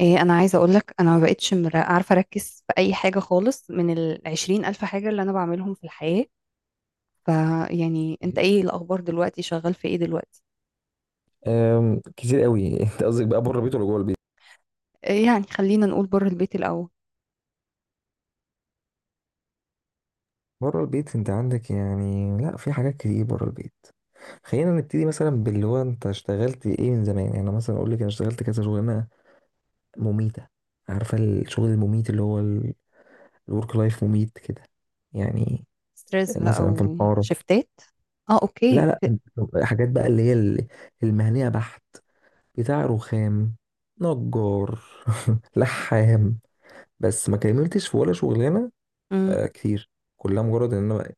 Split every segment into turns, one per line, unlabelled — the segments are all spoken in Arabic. إيه، انا عايزه اقول لك انا ما بقتش عارفه اركز في اي حاجه خالص من 20,000 حاجه اللي انا بعملهم في الحياه. فيعني انت
مم.
ايه الاخبار دلوقتي؟ شغال في ايه دلوقتي؟
كتير قوي. انت قصدك بقى بره البيت ولا جوه البيت؟
إيه، يعني خلينا نقول بره البيت الاول.
بره البيت انت عندك. يعني لا، في حاجات كتير بره البيت. خلينا نبتدي مثلا باللي هو، انت اشتغلت ايه من زمان؟ يعني انا مثلا اقول لك انا اشتغلت كذا شغلانه مميته. عارفه الشغل المميت، اللي هو الورك لايف مميت كده يعني؟
ستريس بقى
مثلا في محاره.
وشفتات. اه،
لا،
اوكي.
لا. حاجات بقى اللي هي المهنيه بحت. بتاع رخام، نجار، لحام. بس ما كملتش في ولا شغلانه.
مم.
آه، كتير. كلها مجرد ان انا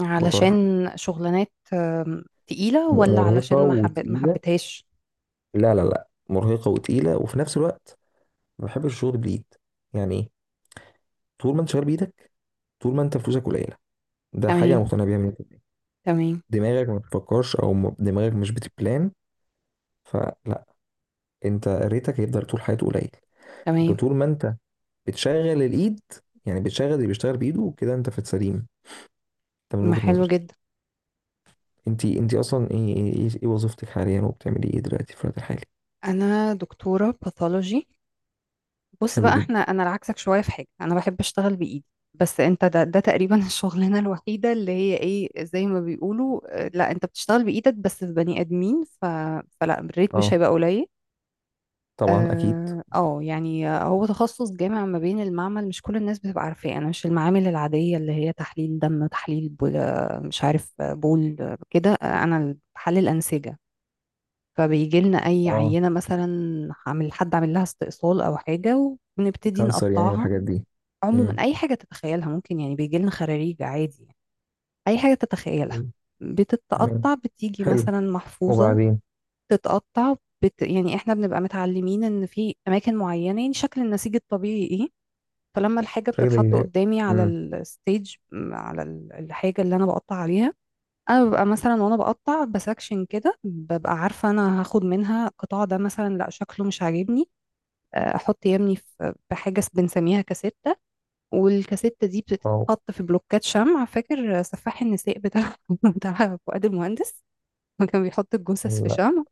علشان
بجرب.
شغلانات. تقيله، ولا
مرهقة
علشان ما
وتقيلة.
حبيتهاش؟
لا، لا، لا، مرهقة وتقيلة، وفي نفس الوقت ما بحبش الشغل بالإيد. يعني إيه؟ طول ما أنت شغال بإيدك، طول ما أنت فلوسك قليلة. ده حاجة أنا
تمام.
مقتنع بيها. من
تمام.
دماغك ما بتفكرش، أو دماغك مش بتبلان. فلا، أنت ريتك هيفضل طول حياته قليل. لكن
تمام.
طول ما أنت بتشغل الإيد، يعني بتشغل اللي بيشتغل بإيده كده، أنت في السليم. ده من
ما،
وجهة
حلو
نظري.
جدا.
أنت أصلا إيه وظيفتك حاليا، وبتعملي إيه دلوقتي في الوقت الحالي؟
انا دكتوره باثولوجي. بص
حلو
بقى،
جدا.
انا عكسك شويه في حاجه، انا بحب اشتغل بايدي. بس انت ده تقريبا الشغلانه الوحيده اللي هي ايه، زي ما بيقولوا. لا، انت بتشتغل بايدك بس في بني ادمين. فلا، الريت مش
أه،
هيبقى قليل.
طبعا أكيد.
اه. هو تخصص جامع ما بين المعمل، مش كل الناس بتبقى عارفاه. انا مش المعامل العاديه اللي هي تحليل دم، تحليل بول، آه، مش عارف آه، بول كده، انا بحلل انسجه. فبيجي لنا اي
اه،
عينه، مثلا حد عامل لها استئصال او حاجه، وبنبتدي
كانسر يعني
نقطعها.
والحاجات دي.
عموما
امم،
اي حاجه تتخيلها ممكن، يعني بيجي لنا خراريج عادي يعني. اي حاجه تتخيلها
تمام،
بتتقطع، بتيجي
حلو.
مثلا محفوظه،
وبعدين؟
بتتقطع، يعني احنا بنبقى متعلمين ان في اماكن معينه، يعني شكل النسيج الطبيعي ايه. فلما الحاجه
شغل.
بتتحط قدامي على
امم.
الستيج، على الحاجه اللي انا بقطع عليها، انا ببقى مثلا وانا بقطع بسكشن كده، ببقى عارفه انا هاخد منها القطاع ده. مثلا، لا شكله مش عاجبني، احط يمني في حاجه بنسميها كاسيت. والكاسيتة دي
واو.
بتتحط في بلوكات شمع. فاكر سفاح النساء بتاع فؤاد المهندس؟ ما كان بيحط الجثث في
لا.
شمع؟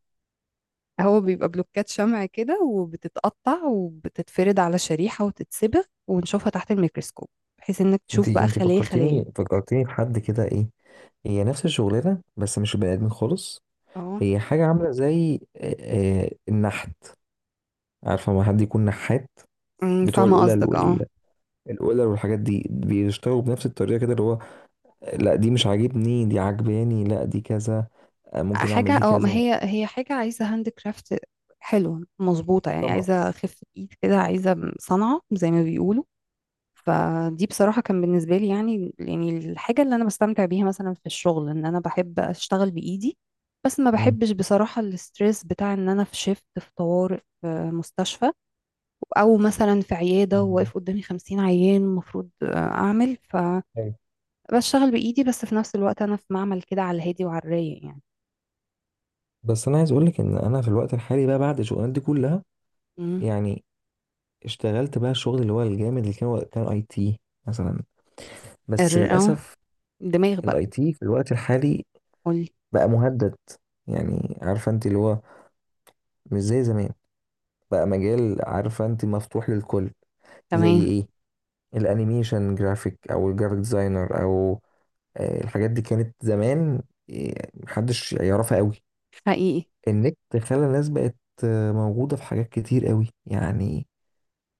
هو بيبقى بلوكات شمع كده، وبتتقطع وبتتفرد على شريحة وتتسبغ ونشوفها تحت الميكروسكوب، بحيث انك
انت
تشوف بقى
انت
خلية
فكرتيني
خلية.
فكرتيني بحد كده. ايه؟ هي نفس الشغلانه بس مش بني ادمين خالص.
اه.
هي حاجه عامله زي النحت. عارفه، ما حد يكون نحات بتوع
فاهمة قصدك، اه.
القلل والحاجات دي، بيشتغلوا بنفس الطريقه كده، اللي هو لا دي مش عاجبني، دي عاجباني، لا دي كذا، ممكن
حاجة،
اعمل دي
اه. ما
كذا.
هي حاجة عايزة هاند كرافت حلوة، مظبوطة، يعني
طبعا.
عايزة خفة ايد كده، عايزة صنعة زي ما بيقولوا. فدي بصراحة كان بالنسبة لي يعني الحاجة اللي أنا بستمتع بيها مثلا في الشغل، إن أنا بحب أشتغل بإيدي. بس ما بحبش بصراحة الستريس بتاع إن أنا في شيفت، في طوارئ، في مستشفى، أو مثلا في عيادة وواقف
امم.
قدامي 50 عيان المفروض أعمل. فبشتغل بإيدي، بس في نفس الوقت أنا في معمل كده على الهادي وعلى الرايق يعني.
بس انا عايز اقولك ان انا في الوقت الحالي بقى، بعد الشغلانات دي كلها،
مم.
يعني اشتغلت بقى الشغل اللي هو الجامد، اللي كان اي تي مثلا. بس
الر- أه
للاسف
الدماغ بقى.
الاي تي في الوقت الحالي
قولي.
بقى مهدد. يعني عارفه انت، اللي هو مش زي زمان. بقى مجال عارفه انت مفتوح للكل. زي
تمام.
ايه؟ الانيميشن جرافيك، او الجرافيك ديزاينر، او الحاجات دي كانت زمان محدش يعرفها قوي.
حقيقي.
النت خلى الناس بقت موجودة في حاجات كتير قوي يعني.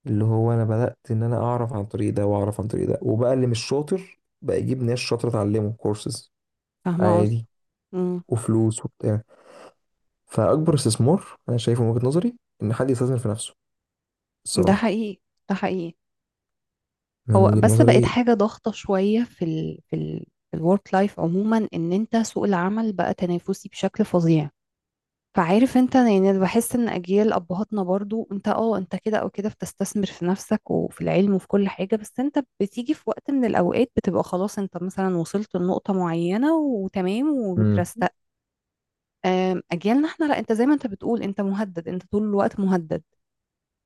اللي هو انا بدأت ان انا اعرف عن طريق ده، واعرف عن طريق ده. وبقى اللي مش شاطر بقى يجيب ناس شاطرة تعلمه كورسز،
فاهمة
عادي،
قصدك. مم.
وفلوس وبتاع. فأكبر استثمار أنا شايفه من وجهة نظري إن حد يستثمر في نفسه،
ده
الصراحة.
حقيقي. ده حقيقي.
من
هو
وجهة
بس بقت
نظري.
حاجة ضغطة شوية في الورك لايف عموما، ان انت سوق العمل بقى تنافسي بشكل فظيع. فعارف انت، يعني أنا بحس ان اجيال ابهاتنا برضو انت انت كده او كده بتستثمر في نفسك وفي العلم وفي كل حاجة. بس انت بتيجي في وقت من الاوقات بتبقى خلاص، انت مثلا وصلت لنقطة معينة وتمام
امم.
وترستق. اجيالنا احنا لا، انت زي ما انت بتقول، انت مهدد، انت طول الوقت مهدد،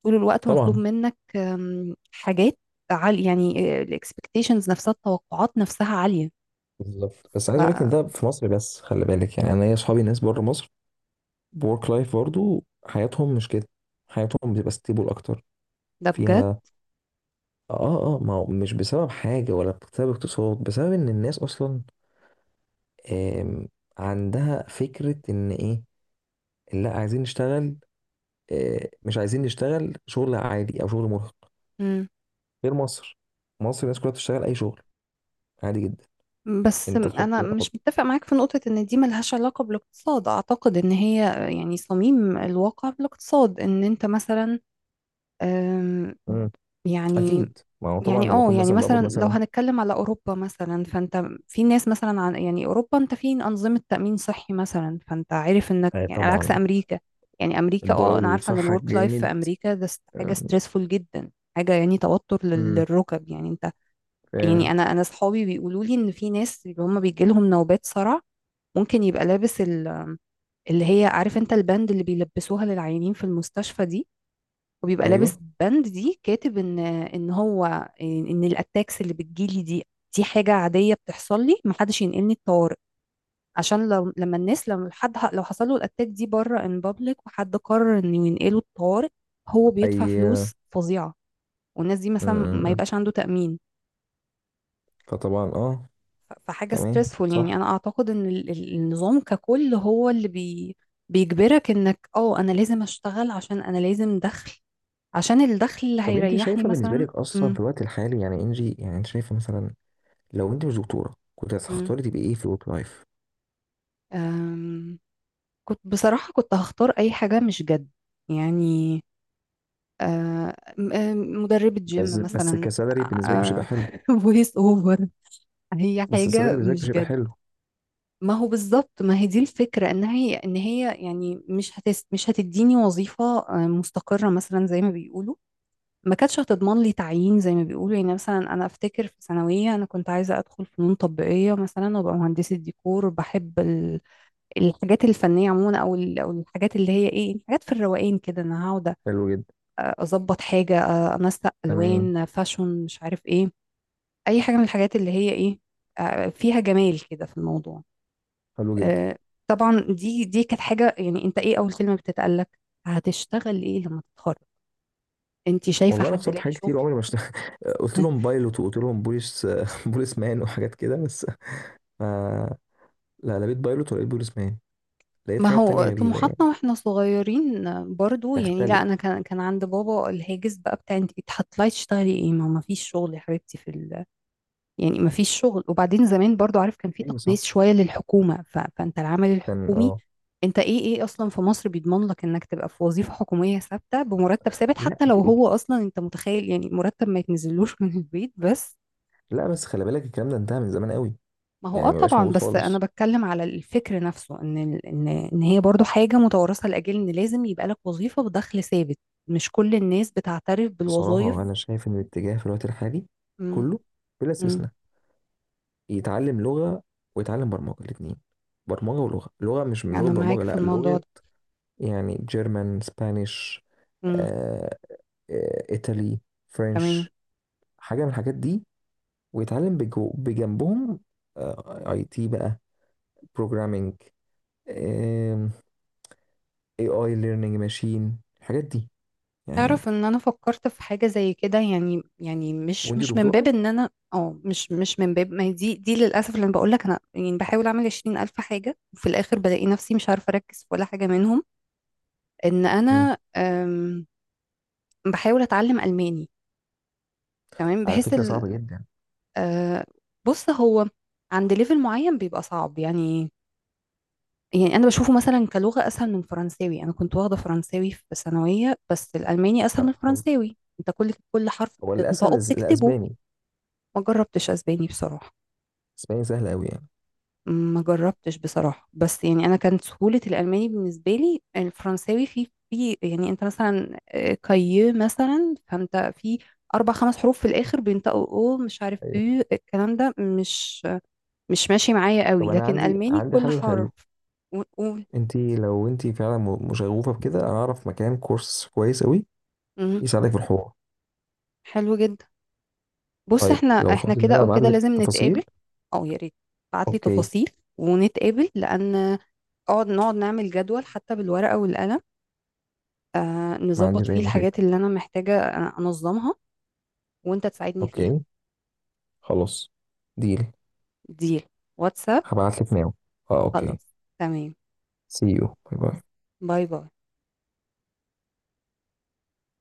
طول الوقت مطلوب
طبعا.
منك حاجات عالية يعني. الاكسبكتيشنز نفسها، التوقعات نفسها عالية.
بالظبط، بس عايز أقول لك إن
فده
ده في مصر بس، خلي بالك. يعني أنا ليا أصحابي ناس بره مصر، بورك لايف برضو حياتهم مش كده. حياتهم بتبقى ستيبل أكتر،
بجد.
فيها. آه، آه، ما هو مش بسبب حاجة ولا بسبب اقتصاد، بسبب إن الناس أصلا آم، عندها فكرة إن إيه، لا، عايزين نشتغل، مش عايزين نشتغل شغل عادي أو شغل مرهق.
مم.
غير مصر، مصر الناس كلها بتشتغل أي شغل، عادي جدا.
بس
أنت تحط
انا
أحط.
مش متفق معاك في نقطة ان دي ملهاش علاقة بالاقتصاد. اعتقد ان هي يعني صميم الواقع بالاقتصاد ان انت مثلا، آم،
مم.
يعني،
أكيد، ما هو طبعا
يعني
لما أكون
يعني
مثلا بقبض
مثلا لو
مثلا.
هنتكلم على اوروبا مثلا، فانت في ناس مثلا، عن يعني اوروبا انت في انظمه تامين صحي مثلا، فانت عارف انك
آه،
يعني على عكس
طبعا.
امريكا. يعني امريكا،
الضرايب
انا
اللي
عارفه ان
بتدفعها
الورك لايف في
جامد.
امريكا ده حاجه
آم،
ستريسفول جدا، حاجه يعني توتر
مم،
للركب، يعني انت، يعني
آه،
انا اصحابي بيقولوا لي ان في ناس اللي هم بيجي لهم نوبات صرع، ممكن يبقى لابس اللي هي عارف انت البند اللي بيلبسوها للعيانين في المستشفى دي، وبيبقى لابس
أيوه.
بند دي كاتب ان هو، ان الاتاكس اللي بتجيلي دي، دي حاجه عاديه بتحصل لي، محدش ينقلني الطوارئ. عشان لو لما الناس، لما حد لو حصل له الاتاك دي بره ان بابليك، وحد قرر انه ينقله الطوارئ، هو بيدفع
أي،
فلوس
آه.
فظيعه، والناس دي
مم،
مثلا
مم،
ما
مم.
يبقاش عنده تامين.
فطبعا، أه.
فحاجه
تمام،
ستريسفول، يعني انا
صح.
اعتقد ان النظام ككل هو اللي بي بيجبرك انك انا لازم اشتغل عشان انا لازم دخل، عشان الدخل اللي
طب أنت
هيريحني
شايفة بالنسبة
مثلا.
لك أصلا في الوقت الحالي، يعني إنجي، يعني أنت شايفة مثلا، لو انت مش دكتوره كنت
مم.
هتختاري تبقي ايه في الورك لايف؟
أم، كنت بصراحة، كنت هختار أي حاجة مش جد، يعني أه، م- أم، مدربة
بس
جيم
بس
مثلا،
كسالري بالنسبه لك مش هيبقى حلو.
فويس اوفر. هي
بس السالري
حاجة
بالنسبه لك مش
مش
هيبقى
جد.
حلو.
ما هو بالظبط، ما هي دي الفكرة، ان هي يعني مش هتديني وظيفة مستقرة مثلا زي ما بيقولوا، ما كانتش هتضمن لي تعيين زي ما بيقولوا. يعني مثلا انا افتكر في ثانوية انا كنت عايزة ادخل فنون تطبيقية مثلا وابقى مهندسة ديكور، وبحب الحاجات الفنية عموما، أو الحاجات اللي هي إيه، حاجات في الروقان كده، أنا هقعد
حلو جدا.
أظبط حاجة، أنسق
تمام.
ألوان، فاشون، مش عارف إيه، أي حاجة من الحاجات اللي هي إيه، فيها جمال كده في الموضوع.
حلو جدا.
آه، طبعا دي كانت حاجة. يعني أنت إيه أول كلمة بتتقالك؟ هتشتغل إيه لما تتخرج؟ أنت شايفة
والله انا
حد
اخترت
لاقي
حاجات كتير،
شغل؟
عمري ما اشت... قلت لهم بايلوت، وقلت لهم بوليس، بوليس مان وحاجات كده بس. ما... لا، لا، لقيت بايلوت ولقيت بوليس مان. لقيت
ما
حاجات
هو
تانية غريبة يعني.
طموحاتنا واحنا صغيرين برضو، يعني، لا
تختلف.
انا كان عند بابا الهاجس بقى بتاع انت هتطلعي تشتغلي ايه، ما فيش شغل يا حبيبتي، في يعني ما فيش شغل. وبعدين زمان برضو عارف، كان في
ايوه، صح.
تقديس شوية للحكومة. فانت العمل
كان،
الحكومي،
اه.
انت ايه اصلا في مصر بيضمن لك انك تبقى في وظيفة حكومية ثابتة بمرتب ثابت؟
لا
حتى لو
ج-
هو اصلا، انت متخيل يعني مرتب ما يتنزلوش من البيت بس.
لا، بس خلي بالك، الكلام ده انتهى من زمان قوي.
ما هو،
يعني ما بقاش
طبعا،
موجود
بس انا
خالص.
بتكلم على الفكر نفسه ان ان هي برضو حاجة متوارثة، لاجل ان لازم يبقى لك وظيفة بدخل ثابت. مش كل الناس بتعترف
بصراحة انا
بالوظائف.
شايف ان الاتجاه في الوقت الحالي
امم.
كله، بلا
امم.
استثناء، يتعلم لغة ويتعلم برمجة الاتنين. برمجة ولغة. لغة، مش من لغة
انا معاك
برمجة،
في
لا
الموضوع
لغة.
ده.
يعني جيرمان، سبانيش،
امم.
آه، آه، ايطالي،
تمام.
فرنش، حاجة من الحاجات دي. ويتعلم بجو بجنبهم اي تي بقى، بروجرامينج، اي اي ليرنينج ماشين، الحاجات دي يعني.
تعرف ان انا فكرت في حاجه زي كده، يعني يعني مش
وانت
مش من باب
دكتورة؟
ان انا اه مش مش من باب، ما هي دي للاسف اللي انا بقول لك، انا يعني بحاول اعمل 20,000 حاجه وفي الاخر بلاقي نفسي مش عارفه اركز في ولا حاجه منهم. ان
مم.
انا بحاول اتعلم الماني، تمام،
على
بحيث
فكرة صعبة
ال...
جدا.
آه، بص، هو عند ليفل معين بيبقى صعب يعني. يعني انا بشوفه مثلا كلغه اسهل من فرنساوي. انا كنت واخده فرنساوي في ثانويه، بس
لا،
الالماني اسهل من
لا خالص.
الفرنساوي، انت كل حرف
هو الاسهل
بتنطقه بتكتبه.
الاسباني.
ما جربتش اسباني بصراحة.
الاسباني سهل قوي يعني.
ما جربتش بصراحة، بس يعني انا كانت سهولة الالماني بالنسبة لي، الفرنساوي في يعني انت مثلا، كاي مثلا فانت في اربع خمس حروف في الاخر بينطقوا، او مش عارف، او
طيب.
الكلام ده مش ماشي معايا
طب
قوي،
انا
لكن
عندي
الماني
عندي
كل
حل
حرف
حلو.
ونقول.
لو انت فعلا مشغوفه بكده، انا اعرف مكان كورس كويس قوي،
مم،
يساعدك في الحوار.
حلو جدا. بص،
طيب
احنا
لو
احنا
فاضي، ان
كده
انا
او
ابعت
كده
لك
لازم نتقابل،
التفاصيل.
او يا ريت تبعت لي
اوكي.
تفاصيل ونتقابل، لان نقعد نعمل جدول حتى بالورقة والقلم،
ما
نظبط
عنديش اي
فيه الحاجات
مشاكل.
اللي أنا محتاجة أنظمها، وأنت تساعدني فيها.
اوكي. خلاص. ديل.
ديل. واتساب.
هبعت لك ناو. اه، اوكي.
خلاص، تمام.
سي يو، باي باي.
باي باي.